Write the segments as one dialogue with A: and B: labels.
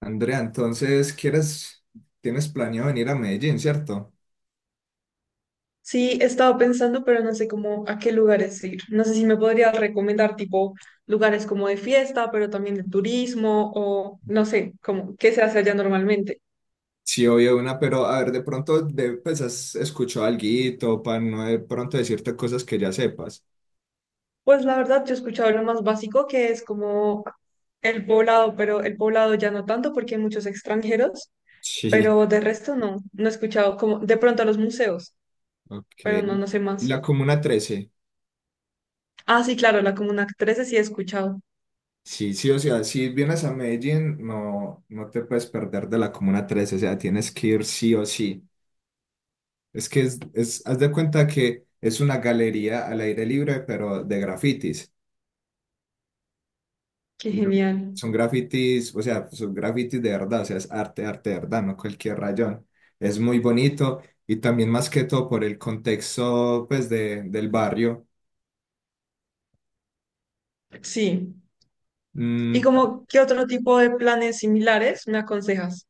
A: Andrea, entonces, ¿quieres, tienes planeado venir a Medellín, cierto?
B: Sí, he estado pensando, pero no sé cómo a qué lugares ir. No sé si me podrías recomendar tipo lugares como de fiesta, pero también de turismo o no sé, como qué se hace allá normalmente.
A: Sí, obvio, una, pero a ver, de pronto, de, pues, ¿has escuchado alguito para no de pronto decirte cosas que ya sepas?
B: Pues la verdad, yo he escuchado lo más básico que es como el poblado, pero el poblado ya no tanto porque hay muchos extranjeros,
A: Sí.
B: pero de resto no he escuchado como de pronto los museos,
A: Ok.
B: pero no sé
A: ¿Y
B: más.
A: la Comuna Trece?
B: Ah, sí, claro, la Comuna 13 sí he escuchado.
A: Sí, sí, o sea, si vienes a Medellín, no, no te puedes perder de la Comuna Trece, o sea, tienes que ir sí o sí. Es que haz de cuenta que es una galería al aire libre, pero de grafitis.
B: Qué
A: Y Son
B: genial.
A: Son grafitis, o sea, son grafitis de verdad, o sea, es arte, arte de verdad, no cualquier rayón. Es muy bonito y también más que todo por el contexto, pues, de, del barrio.
B: Sí. Y
A: Mm,
B: como, ¿qué otro tipo de planes similares me aconsejas?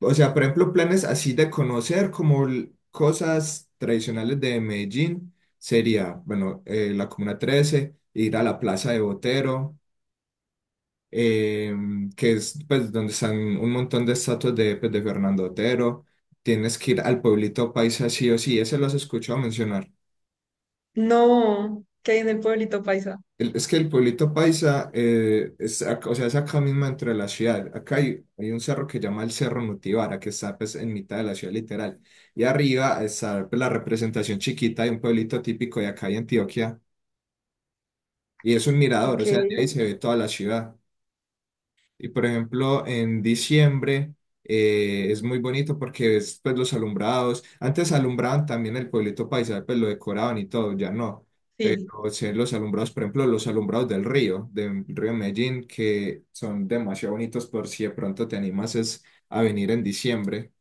A: o sea, por ejemplo, planes así de conocer como cosas tradicionales de Medellín sería, bueno, la Comuna 13, ir a la Plaza de Botero, eh, que es, pues, donde están un montón de estatuas de, pues, de Fernando Otero. Tienes que ir al pueblito paisa sí o sí, ese lo has escuchado mencionar.
B: No, que hay en el pueblito paisa.
A: Es que el pueblito paisa, es, o sea, es acá mismo entre la ciudad. Acá hay, hay un cerro que se llama el Cerro Nutibara, que está, pues, en mitad de la ciudad, literal. Y arriba está, pues, la representación chiquita de un pueblito típico de acá de Antioquia. Y es un mirador, o
B: Ok,
A: sea, de ahí se ve toda la ciudad. Y por ejemplo, en diciembre, es muy bonito porque ves, pues, los alumbrados. Antes alumbraban también el pueblito paisa, pues lo decoraban y todo, ya no. Pero
B: sí.
A: se ven los alumbrados, por ejemplo, los alumbrados del río Medellín, que son demasiado bonitos, por si de pronto te animas es a venir en diciembre.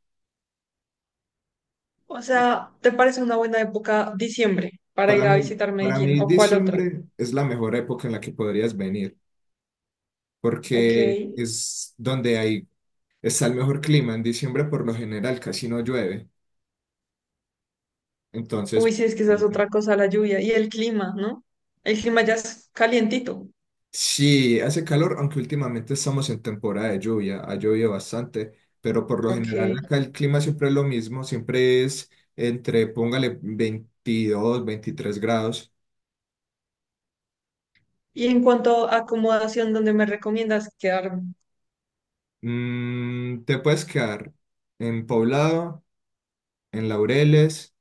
B: O sea, ¿te parece una buena época diciembre para
A: Para
B: ir a
A: mí,
B: visitar
A: para
B: Medellín
A: mí
B: o cuál otra?
A: diciembre es la mejor época en la que podrías venir,
B: Ok.
A: porque es donde hay, está el mejor clima. En diciembre por lo general casi no llueve.
B: Uy,
A: Entonces,
B: sí, es que esa es otra cosa, la lluvia y el clima, ¿no? El clima ya es calientito.
A: sí, hace calor, aunque últimamente estamos en temporada de lluvia, ha llovido bastante, pero por lo
B: Ok.
A: general acá el clima siempre es lo mismo, siempre es entre, póngale, 22 o 23 grados.
B: Y en cuanto a acomodación, ¿dónde me recomiendas quedarme?
A: Te puedes quedar en Poblado, en Laureles,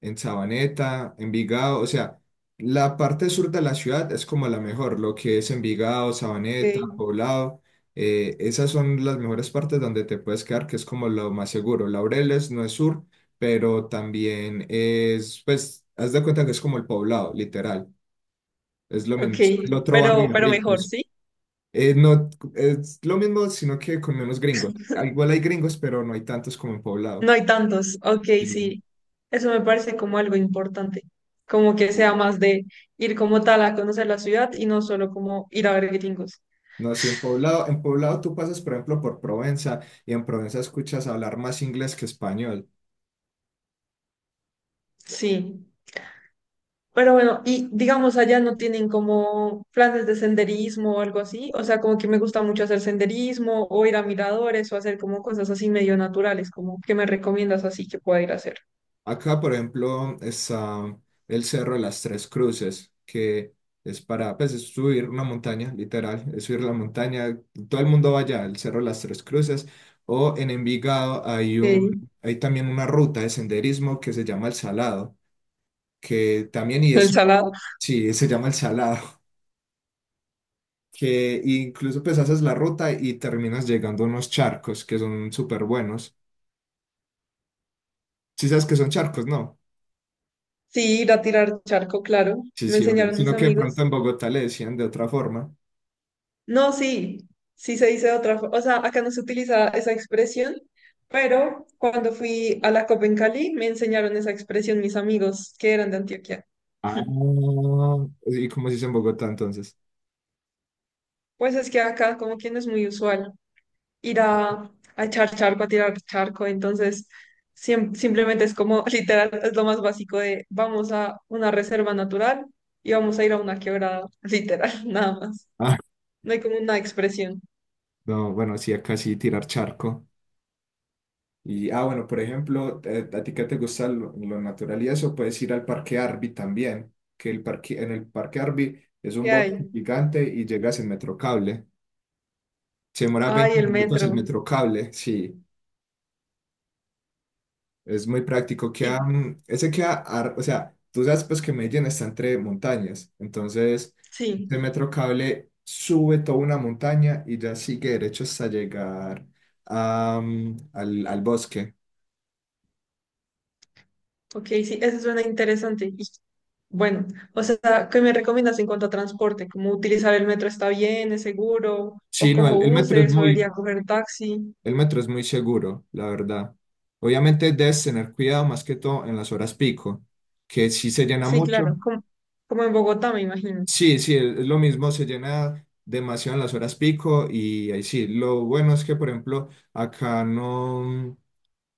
A: en Sabaneta, Envigado, o sea, la parte sur de la ciudad es como la mejor, lo que es Envigado, Sabaneta,
B: Ok,
A: Poblado, esas son las mejores partes donde te puedes quedar, que es como lo más seguro. Laureles no es sur, pero también es, pues, haz de cuenta que es como el Poblado, literal, es lo
B: ok,
A: mismo, es el otro barrio de
B: pero mejor,
A: ricos.
B: ¿sí?
A: No, es lo mismo, sino que con menos gringos. Ah, igual hay gringos, pero no hay tantos como en Poblado.
B: No hay tantos. Ok,
A: Sí.
B: sí. Eso me parece como algo importante. Como que sea
A: Sí.
B: más de ir como tal a conocer la ciudad y no solo como ir a ver gringos.
A: No, sí, en Poblado tú pasas, por ejemplo, por Provenza y en Provenza escuchas hablar más inglés que español.
B: Sí. Pero bueno, y digamos allá no tienen como planes de senderismo o algo así. O sea, como que me gusta mucho hacer senderismo o ir a miradores o hacer como cosas así medio naturales, como que me recomiendas así que pueda ir a hacer.
A: Acá, por ejemplo, está el Cerro de las Tres Cruces, que es para, pues, es subir una montaña, literal, es subir la montaña. Todo el mundo va allá, el Cerro de las Tres Cruces. O en Envigado hay un,
B: Sí,
A: hay también una ruta de senderismo que se llama El Salado, que también, y
B: el
A: es,
B: salado.
A: sí, se llama El Salado. Que incluso, pues, haces la ruta y terminas llegando a unos charcos que son súper buenos. Si sabes que son charcos, no.
B: Sí, ir a tirar charco, claro.
A: Sí,
B: Me
A: sí, obvio.
B: enseñaron mis
A: Sino que de pronto
B: amigos.
A: en Bogotá le decían de otra forma.
B: No, sí, sí se dice de otra forma. O sea, acá no se utiliza esa expresión, pero cuando fui a la COP en Cali me enseñaron esa expresión mis amigos que eran de Antioquia.
A: Ah, ¿y cómo se dice en Bogotá entonces?
B: Pues es que acá como que no es muy usual ir a echar charco, a tirar charco, entonces simplemente es como literal, es lo más básico de vamos a una reserva natural y vamos a ir a una quebrada, literal, nada más.
A: Ah,
B: No hay como una expresión.
A: no, bueno, sí, acá sí tirar charco. Y, ah, bueno, por ejemplo, a ti que te gusta lo natural y eso, puedes ir al Parque Arby también, que el parque, en el Parque Arby es un
B: ¿Qué
A: bosque
B: hay?
A: gigante y llegas en Metrocable. Se demora
B: Ay,
A: 20
B: el
A: minutos el
B: metro.
A: Metrocable, sí. Es muy práctico. Queda,
B: Y
A: ese queda, o sea, tú sabes, pues, que Medellín está entre montañas, entonces
B: sí.
A: este metro cable sube toda una montaña y ya sigue derecho hasta llegar a, al, al bosque.
B: Ok, sí, eso suena interesante. Y bueno, o sea, ¿qué me recomiendas en cuanto a transporte? ¿Cómo utilizar el metro está bien, es seguro? ¿O
A: Sí, no,
B: cojo
A: el metro es
B: buses o
A: muy,
B: debería coger taxi?
A: el metro es muy seguro, la verdad. Obviamente debes tener cuidado más que todo en las horas pico, que sí se llena
B: Sí,
A: mucho.
B: claro, como, como en Bogotá, me imagino.
A: Sí, sí, es lo mismo, se llena demasiado en las horas pico y ahí sí, lo bueno es que, por ejemplo, acá no.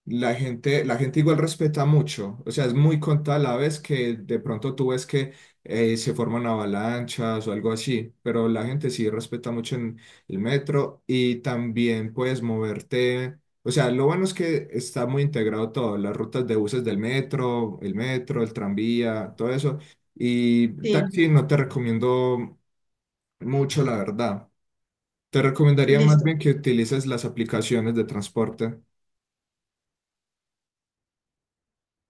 A: La gente igual respeta mucho, o sea, es muy contada la vez que de pronto tú ves que se forman avalanchas o algo así, pero la gente sí respeta mucho en el metro y también puedes moverte, o sea, lo bueno es que está muy integrado todo, las rutas de buses del metro, el tranvía, todo eso, y
B: Sí,
A: taxi no te recomiendo mucho, la verdad. Te recomendaría más
B: listo.
A: bien que utilices las aplicaciones de transporte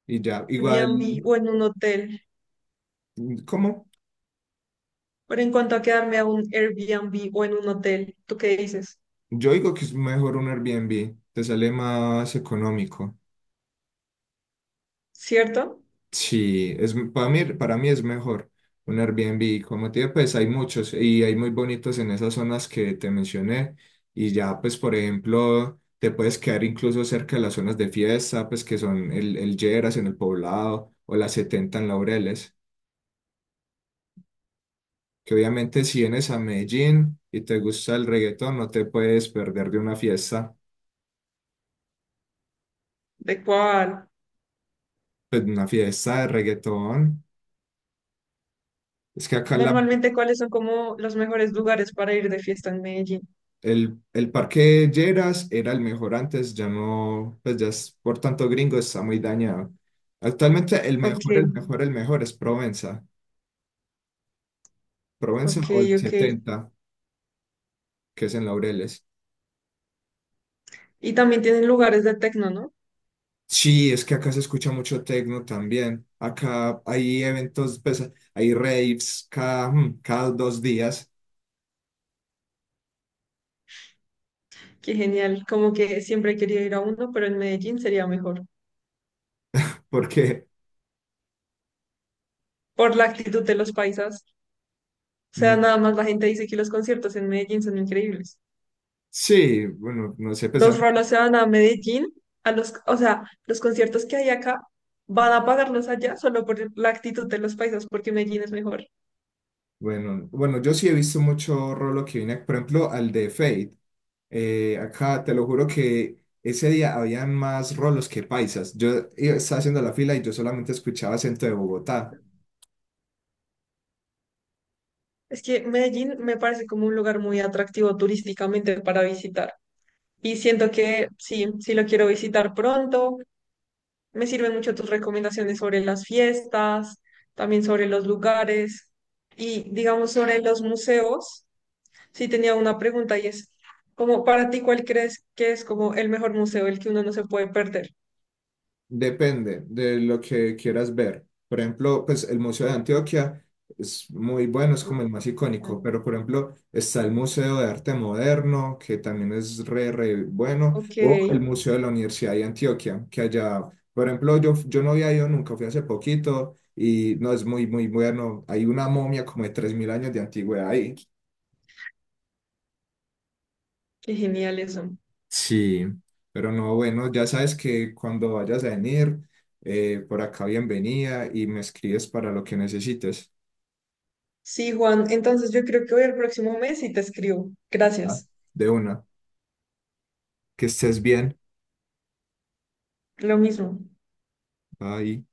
A: y ya, igual,
B: Airbnb o en un hotel.
A: ¿cómo?
B: Pero en cuanto a quedarme a un Airbnb o en un hotel, ¿tú qué dices?
A: Yo digo que es mejor un Airbnb, te sale más económico.
B: ¿Cierto?
A: Sí, es, para mí es mejor un Airbnb. Como te digo, pues hay muchos y hay muy bonitos en esas zonas que te mencioné. Y ya, pues, por ejemplo, te puedes quedar incluso cerca de las zonas de fiesta, pues que son el Lleras en el Poblado o las 70 en Laureles. Que obviamente si vienes a Medellín y te gusta el reggaetón, no te puedes perder de una fiesta,
B: ¿De cuál?
A: pues una fiesta de reggaetón. Es que acá la,
B: Normalmente, ¿cuáles son como los mejores lugares para ir de fiesta en Medellín?
A: el parque Lleras era el mejor antes, ya no, pues ya es por tanto gringo, está muy dañado. Actualmente el
B: Ok,
A: mejor, el mejor, el mejor es Provenza. Provenza
B: ok,
A: o el
B: ok.
A: 70, que es en Laureles.
B: Y también tienen lugares de tecno, ¿no?
A: Sí, es que acá se escucha mucho tecno también. Acá hay eventos, pues hay raves cada, cada dos días,
B: Qué genial, como que siempre he querido ir a uno, pero en Medellín sería mejor,
A: porque
B: por la actitud de los paisas. O sea,
A: mm,
B: nada más la gente dice que los conciertos en Medellín son increíbles.
A: sí, bueno, no sé, pues a
B: Los
A: mí-
B: rolos se van a Medellín, a los, o sea, los conciertos que hay acá van a pagarlos allá solo por la actitud de los paisas, porque Medellín es mejor.
A: bueno, bueno, yo sí he visto mucho rolo que viene, por ejemplo, al de Fate. Acá te lo juro que ese día habían más rolos que paisas. Estaba haciendo la fila y yo solamente escuchaba acento de Bogotá.
B: Es que Medellín me parece como un lugar muy atractivo turísticamente para visitar. Y siento que sí, sí lo quiero visitar pronto. Me sirven mucho tus recomendaciones sobre las fiestas, también sobre los lugares y digamos sobre los museos. Sí tenía una pregunta y es, como para ti, ¿cuál crees que es como el mejor museo, el que uno no se puede perder?
A: Depende de lo que quieras ver. Por ejemplo, pues el Museo de Antioquia es muy bueno, es como el más icónico, pero por ejemplo está el Museo de Arte Moderno, que también es re bueno,
B: Ok,
A: o el
B: qué
A: Museo de la Universidad de Antioquia, que allá, por ejemplo, yo no había ido nunca, fui hace poquito y no es muy bueno. Hay una momia como de 3000 años de antigüedad ahí.
B: genial eso.
A: Sí, pero no, bueno, ya sabes que cuando vayas a venir, por acá bienvenida y me escribes para lo que necesites.
B: Sí, Juan, entonces yo creo que hoy el próximo mes y te escribo.
A: Ah.
B: Gracias.
A: De una, que estés bien.
B: Lo mismo.
A: Bye.